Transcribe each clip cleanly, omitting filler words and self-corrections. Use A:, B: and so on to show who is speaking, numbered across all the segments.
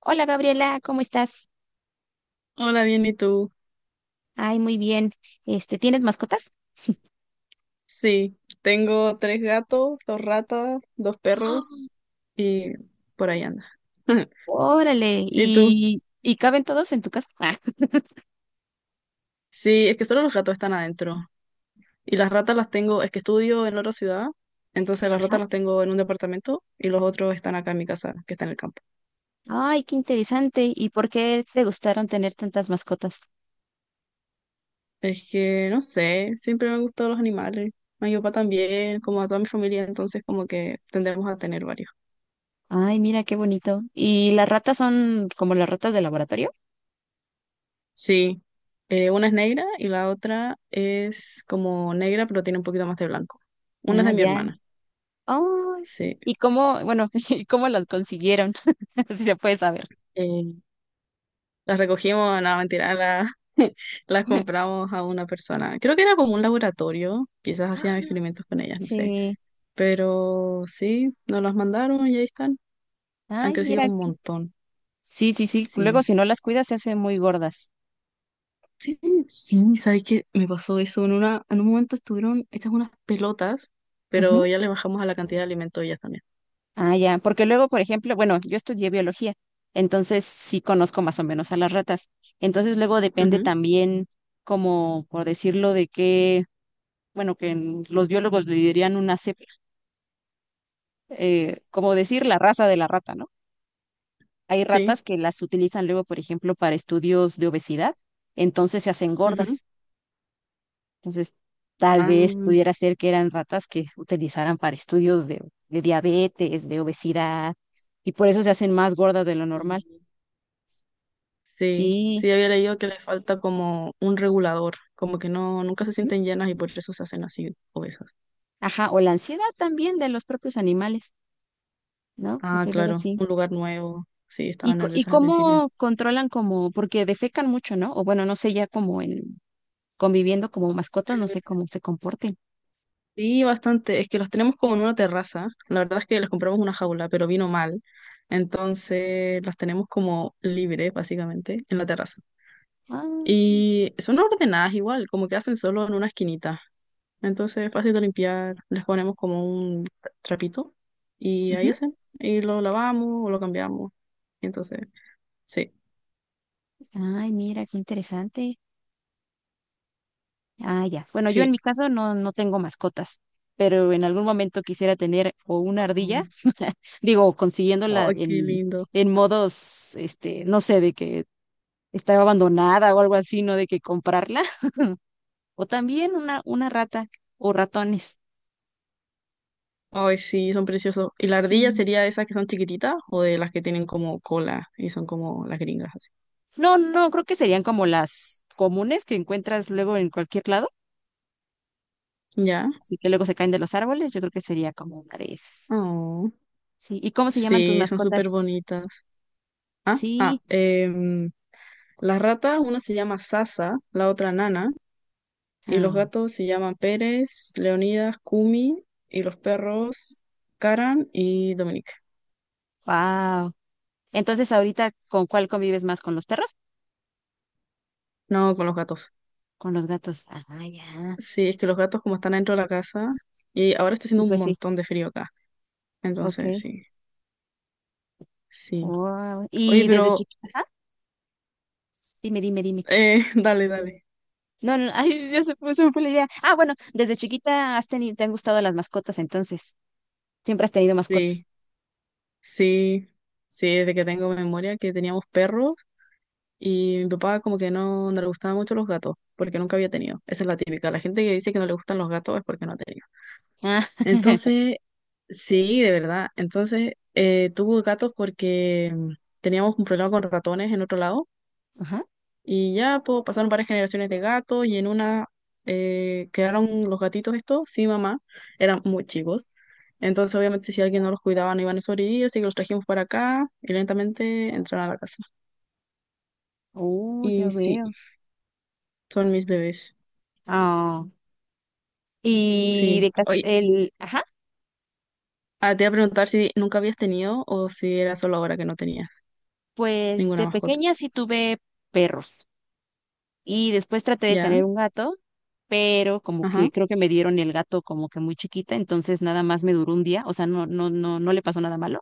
A: Hola Gabriela, ¿cómo estás?
B: Hola, bien, ¿y tú?
A: Ay, muy bien. Este, ¿tienes mascotas?
B: Sí, tengo tres gatos, dos ratas, dos perros
A: ¡Ah!
B: y por ahí anda.
A: Órale,
B: ¿Y tú?
A: ¿y caben todos en tu casa? Ah,
B: Sí, es que solo los gatos están adentro. Y las ratas las tengo, es que estudio en otra ciudad, entonces las
A: ajá.
B: ratas las tengo en un departamento y los otros están acá en mi casa, que está en el campo.
A: Ay, qué interesante. ¿Y por qué te gustaron tener tantas mascotas?
B: Es que no sé, siempre me han gustado los animales. A mi papá también, como a toda mi familia, entonces como que tendremos a tener varios.
A: Ay, mira qué bonito. ¿Y las ratas son como las ratas de laboratorio?
B: Sí, una es negra y la otra es como negra, pero tiene un poquito más de blanco. Una es
A: Ah,
B: de mi
A: ya.
B: hermana,
A: Ay,
B: sí.
A: ¿y cómo, bueno, y cómo las consiguieron? Si se puede saber.
B: Eh, las recogimos, no, mentira, las compramos a una persona. Creo que era como un laboratorio, quizás hacían experimentos con ellas, no sé.
A: Sí.
B: Pero sí, nos las mandaron y ahí están. Han
A: Ay,
B: crecido
A: mira.
B: un montón,
A: Sí, sí, sí. Luego,
B: sí.
A: si no las cuidas, se hacen muy gordas.
B: Sí, ¿sabes qué? Me pasó eso. En un momento estuvieron hechas unas pelotas, pero ya le bajamos a la cantidad de alimento ellas también.
A: Ah, ya, porque luego, por ejemplo, bueno, yo estudié biología, entonces sí conozco más o menos a las ratas. Entonces luego depende
B: Ujú.
A: también, como por decirlo, de qué, bueno, que los biólogos le dirían una cepa, como decir la raza de la rata, ¿no? Hay
B: Sí.
A: ratas que las utilizan luego, por ejemplo, para estudios de obesidad, entonces se hacen
B: Ujú.
A: gordas. Entonces, tal vez
B: Ah,
A: pudiera ser que eran ratas que utilizaran para estudios de diabetes, de obesidad, y por eso se hacen más gordas de lo normal.
B: sí, sí,
A: Sí,
B: sí, había leído que le falta como un regulador, como que no, nunca se
A: ujú,
B: sienten llenas y por eso se hacen así obesas.
A: ajá, o la ansiedad también de los propios animales, ¿no?
B: Ah,
A: Porque luego
B: claro,
A: sí.
B: un lugar nuevo. Sí,
A: Y,
B: estaban
A: y
B: nerviosas al principio.
A: cómo controlan como, porque defecan mucho, ¿no? O bueno, no sé, ya como en conviviendo como mascotas, no sé cómo se comporten.
B: Sí, bastante. Es que los tenemos como en una terraza. La verdad es que les compramos una jaula, pero vino mal. Entonces las tenemos como libres, básicamente, en la terraza.
A: Ah,
B: Y son ordenadas igual, como que hacen solo en una esquinita. Entonces es fácil de limpiar, les ponemos como un trapito y ahí
A: ujú.
B: hacen. Y lo lavamos o lo cambiamos. Entonces, sí,
A: Ay, mira, qué interesante. Ah, ya. Bueno, yo en
B: sí.
A: mi caso no, no tengo mascotas, pero en algún momento quisiera tener o una ardilla,
B: Oh,
A: digo, consiguiéndola
B: ay, qué lindo.
A: en modos, este, no sé, de que estaba abandonada o algo así, ¿no? De que comprarla o también una rata o ratones.
B: Ay, sí, son preciosos. ¿Y la ardilla
A: Sí.
B: sería de esas que son chiquititas o de las que tienen como cola y son como las gringas así?
A: No, no, creo que serían como las comunes que encuentras luego en cualquier lado,
B: ¿Ya?
A: así que luego se caen de los árboles, yo creo que sería como una de esas.
B: Oh,
A: Sí, ¿y cómo se llaman tus
B: sí, son súper
A: mascotas?
B: bonitas. Ah,
A: Sí.
B: ah, em, las ratas, una se llama Sasa, la otra Nana. Y los
A: Ah,
B: gatos se llaman Pérez, Leonidas, Kumi, y los perros Karan y Dominique.
A: wow. Entonces, ahorita, ¿con cuál convives más? ¿Con los perros?
B: No, con los gatos.
A: ¿Con los gatos? Ah, ya.
B: Sí, es que los gatos como están dentro de la casa y ahora está
A: Sí,
B: haciendo un
A: pues sí.
B: montón de frío acá.
A: Ok.
B: Entonces, sí, sí.
A: Wow.
B: Oye,
A: Y desde
B: pero,
A: chiquita, ajá, dime, dime, dime.
B: dale, dale.
A: No, no, ay, se me fue la idea. Ah, bueno, desde chiquita has tenido, te han gustado las mascotas, entonces. Siempre has tenido mascotas.
B: Sí, sí, sí, desde que tengo memoria que teníamos perros y mi papá como que no, no le gustaban mucho los gatos porque nunca había tenido. Esa es la típica. La gente que dice que no le gustan los gatos es porque no ha tenido.
A: Ah,
B: Entonces, sí, de verdad. Entonces, tuvo gatos porque teníamos un problema con ratones en otro lado
A: ajá.
B: y ya pues, pasaron varias generaciones de gatos y en una quedaron los gatitos estos, sí, mamá, eran muy chicos. Entonces, obviamente, si alguien no los cuidaba, no iban a sobrevivir, así que los trajimos para acá y lentamente entraron a la casa.
A: Oh, ya
B: Y sí,
A: veo.
B: son mis bebés.
A: Ah, y de
B: Sí.
A: caso,
B: Oye,
A: el, ajá,
B: ah, te iba a preguntar si nunca habías tenido o si era solo ahora que no tenías
A: pues
B: ninguna
A: de
B: mascota.
A: pequeña sí tuve perros y después traté de
B: ¿Ya?
A: tener un gato, pero como
B: Ajá.
A: que creo que me dieron el gato como que muy chiquita, entonces nada más me duró un día, o sea, no, no, no, no le pasó nada malo,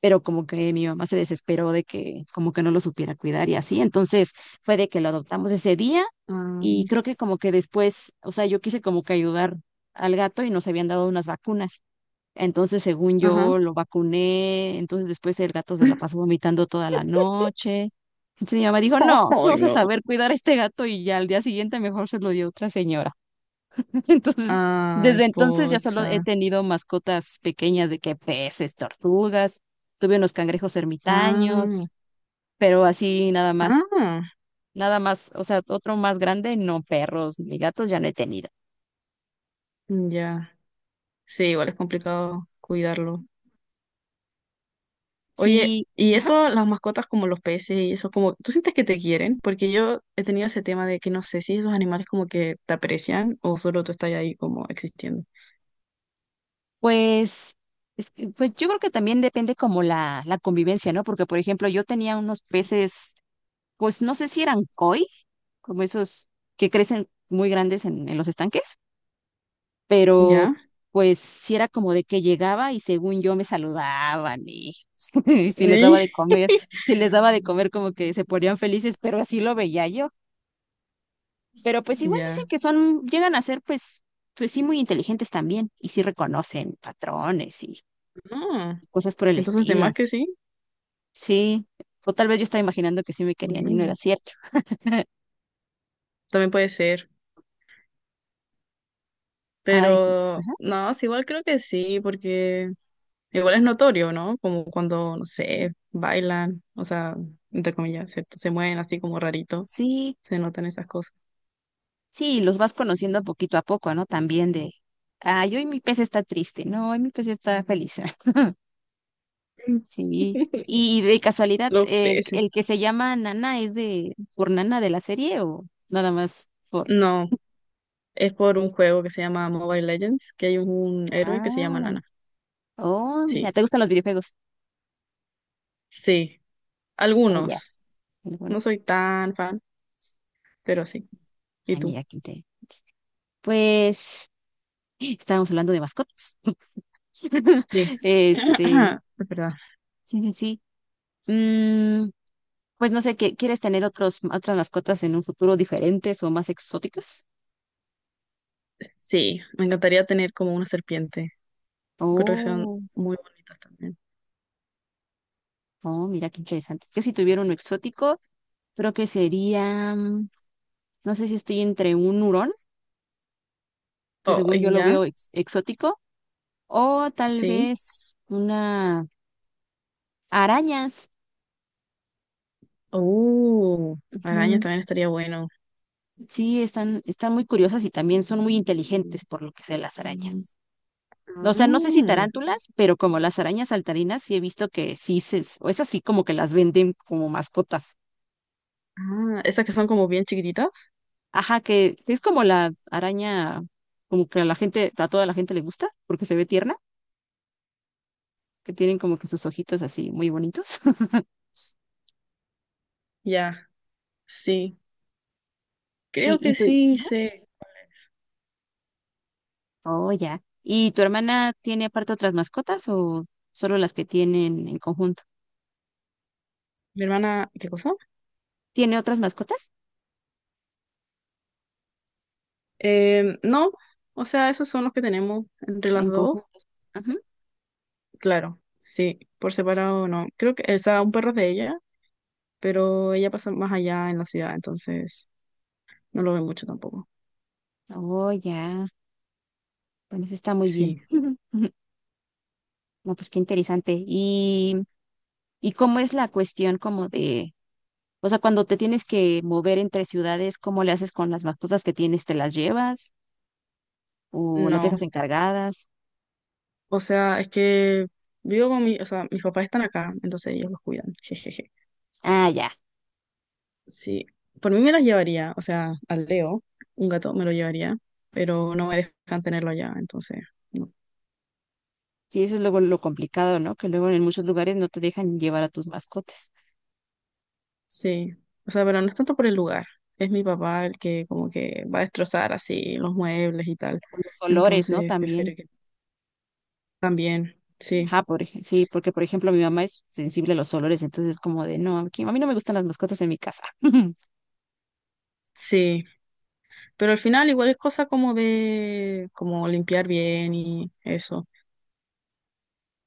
A: pero como que mi mamá se desesperó de que como que no lo supiera cuidar y así, entonces fue de que lo adoptamos ese día
B: Ah,
A: y creo que como que después, o sea, yo quise como que ayudar al gato y nos habían dado unas vacunas. Entonces, según
B: ajá.
A: yo, lo vacuné, entonces después el gato se la pasó vomitando toda la noche. Entonces mi mamá dijo, no, no
B: Ay,
A: vas a
B: no.
A: saber cuidar a este gato y ya al día siguiente mejor se lo dio otra señora. Entonces,
B: Ay,
A: desde entonces ya solo he
B: pocha.
A: tenido mascotas pequeñas de que peces, tortugas, tuve unos cangrejos
B: Ah,
A: ermitaños, pero así nada más,
B: ah,
A: nada más, o sea, otro más grande, no perros ni gatos ya no he tenido.
B: ya. Sí, igual es complicado cuidarlo. Oye,
A: Sí,
B: y eso, las mascotas como los peces y eso, como, ¿tú sientes que te quieren? Porque yo he tenido ese tema de que no sé si esos animales como que te aprecian o solo tú estás ahí como existiendo.
A: pues, es que, pues yo creo que también depende como la convivencia, ¿no? Porque, por ejemplo, yo tenía unos peces, pues no sé si eran koi, como esos que crecen muy grandes en los estanques pero
B: ¿Ya?
A: pues sí era como de que llegaba y según yo me saludaban y y si les daba de comer, si les daba de comer como que se ponían felices, pero así lo veía yo. Pero pues igual dicen
B: Ya.
A: que son, llegan a ser pues, pues sí muy inteligentes también y sí reconocen patrones y
B: Ah,
A: cosas por el
B: entonces, de más
A: estilo.
B: que sí,
A: Sí, o tal vez yo estaba imaginando que sí me querían y no
B: bueno,
A: era cierto.
B: también puede ser.
A: Ay, sí,
B: Pero no, sí, igual creo que sí, porque igual es notorio, ¿no? Como cuando, no sé, bailan, o sea, entre comillas, ¿cierto? Se mueven así como rarito,
A: sí,
B: se notan esas cosas.
A: sí, los vas conociendo poquito a poco, ¿no? También de, ay, hoy mi pez está triste, no, hoy mi pez está feliz. Sí. Y de casualidad,
B: Los peces.
A: el que se llama Nana es de por Nana de la serie o nada más por?
B: No, es por un juego que se llama Mobile Legends, que hay un héroe que se llama
A: Ah,
B: Nana.
A: oh, mira,
B: Sí,
A: ¿te gustan los videojuegos?
B: sí,
A: Oh, ya.
B: algunos.
A: Bueno, bueno.
B: No soy tan fan, pero sí. ¿Y
A: Ay,
B: tú?
A: mira, qué interesante. Pues estábamos hablando de mascotas.
B: Sí.
A: Este,
B: Es verdad.
A: sí, sí, sí. Mm, pues no sé, ¿quieres tener otros, otras mascotas en un futuro diferentes o más exóticas?
B: Sí, me encantaría tener como una serpiente. Creo que son
A: Oh,
B: muy bonitas también.
A: oh, mira qué interesante. Yo si tuviera uno exótico, creo que sería mm, no sé si estoy entre un hurón, que
B: Oh,
A: según yo
B: y
A: lo
B: ya,
A: veo exótico, o tal
B: sí.
A: vez una arañas.
B: Uh, arañas
A: Ujú.
B: también estaría bueno.
A: Sí, están, están muy curiosas y también son muy inteligentes por lo que sé las arañas. O sea, no sé si
B: Mm,
A: tarántulas, pero como las arañas saltarinas sí he visto que sí se, o es así como que las venden como mascotas.
B: ah, esas que son como bien chiquititas.
A: Ajá, que es como la araña, como que a la gente, a toda la gente le gusta porque se ve tierna, que tienen como que sus ojitos así muy bonitos.
B: Ya, sí.
A: Sí,
B: Creo
A: ¿y
B: que
A: tú,
B: sí hice.
A: oh, ya. ¿Y tu hermana tiene aparte otras mascotas o solo las que tienen en conjunto?
B: Mi hermana, ¿qué cosa?
A: ¿Tiene otras mascotas
B: No, o sea, esos son los que tenemos entre las
A: en
B: dos.
A: conjunto? Ajá.
B: Claro, sí, por separado no. Creo que, o sea, un perro es de ella, pero ella pasa más allá en la ciudad, entonces no lo ve mucho tampoco.
A: Oh, ya. Bueno, eso está muy bien.
B: Sí,
A: No, pues qué interesante. Y cómo es la cuestión como de, o sea, cuando te tienes que mover entre ciudades, ¿cómo le haces con las mascotas que tienes? ¿Te las llevas o las
B: no.
A: dejas encargadas?
B: O sea, es que vivo con mi, o sea, mis papás están acá, entonces ellos los cuidan.
A: Ah, ya.
B: Sí, por mí me las llevaría, o sea, al Leo, un gato me lo llevaría, pero no me dejan tenerlo allá, entonces, no.
A: Sí, eso es luego lo complicado, ¿no? Que luego en muchos lugares no te dejan llevar a tus mascotas.
B: Sí, o sea, pero no es tanto por el lugar, es mi papá el que como que va a destrozar así los muebles y tal,
A: Con los olores, ¿no?
B: entonces
A: También.
B: prefiero que también, sí,
A: Ajá, por, sí, porque por ejemplo mi mamá es sensible a los olores, entonces como de, no, aquí, a mí no me gustan las mascotas en mi casa.
B: sí, pero al final igual es cosa como de, como limpiar bien y eso,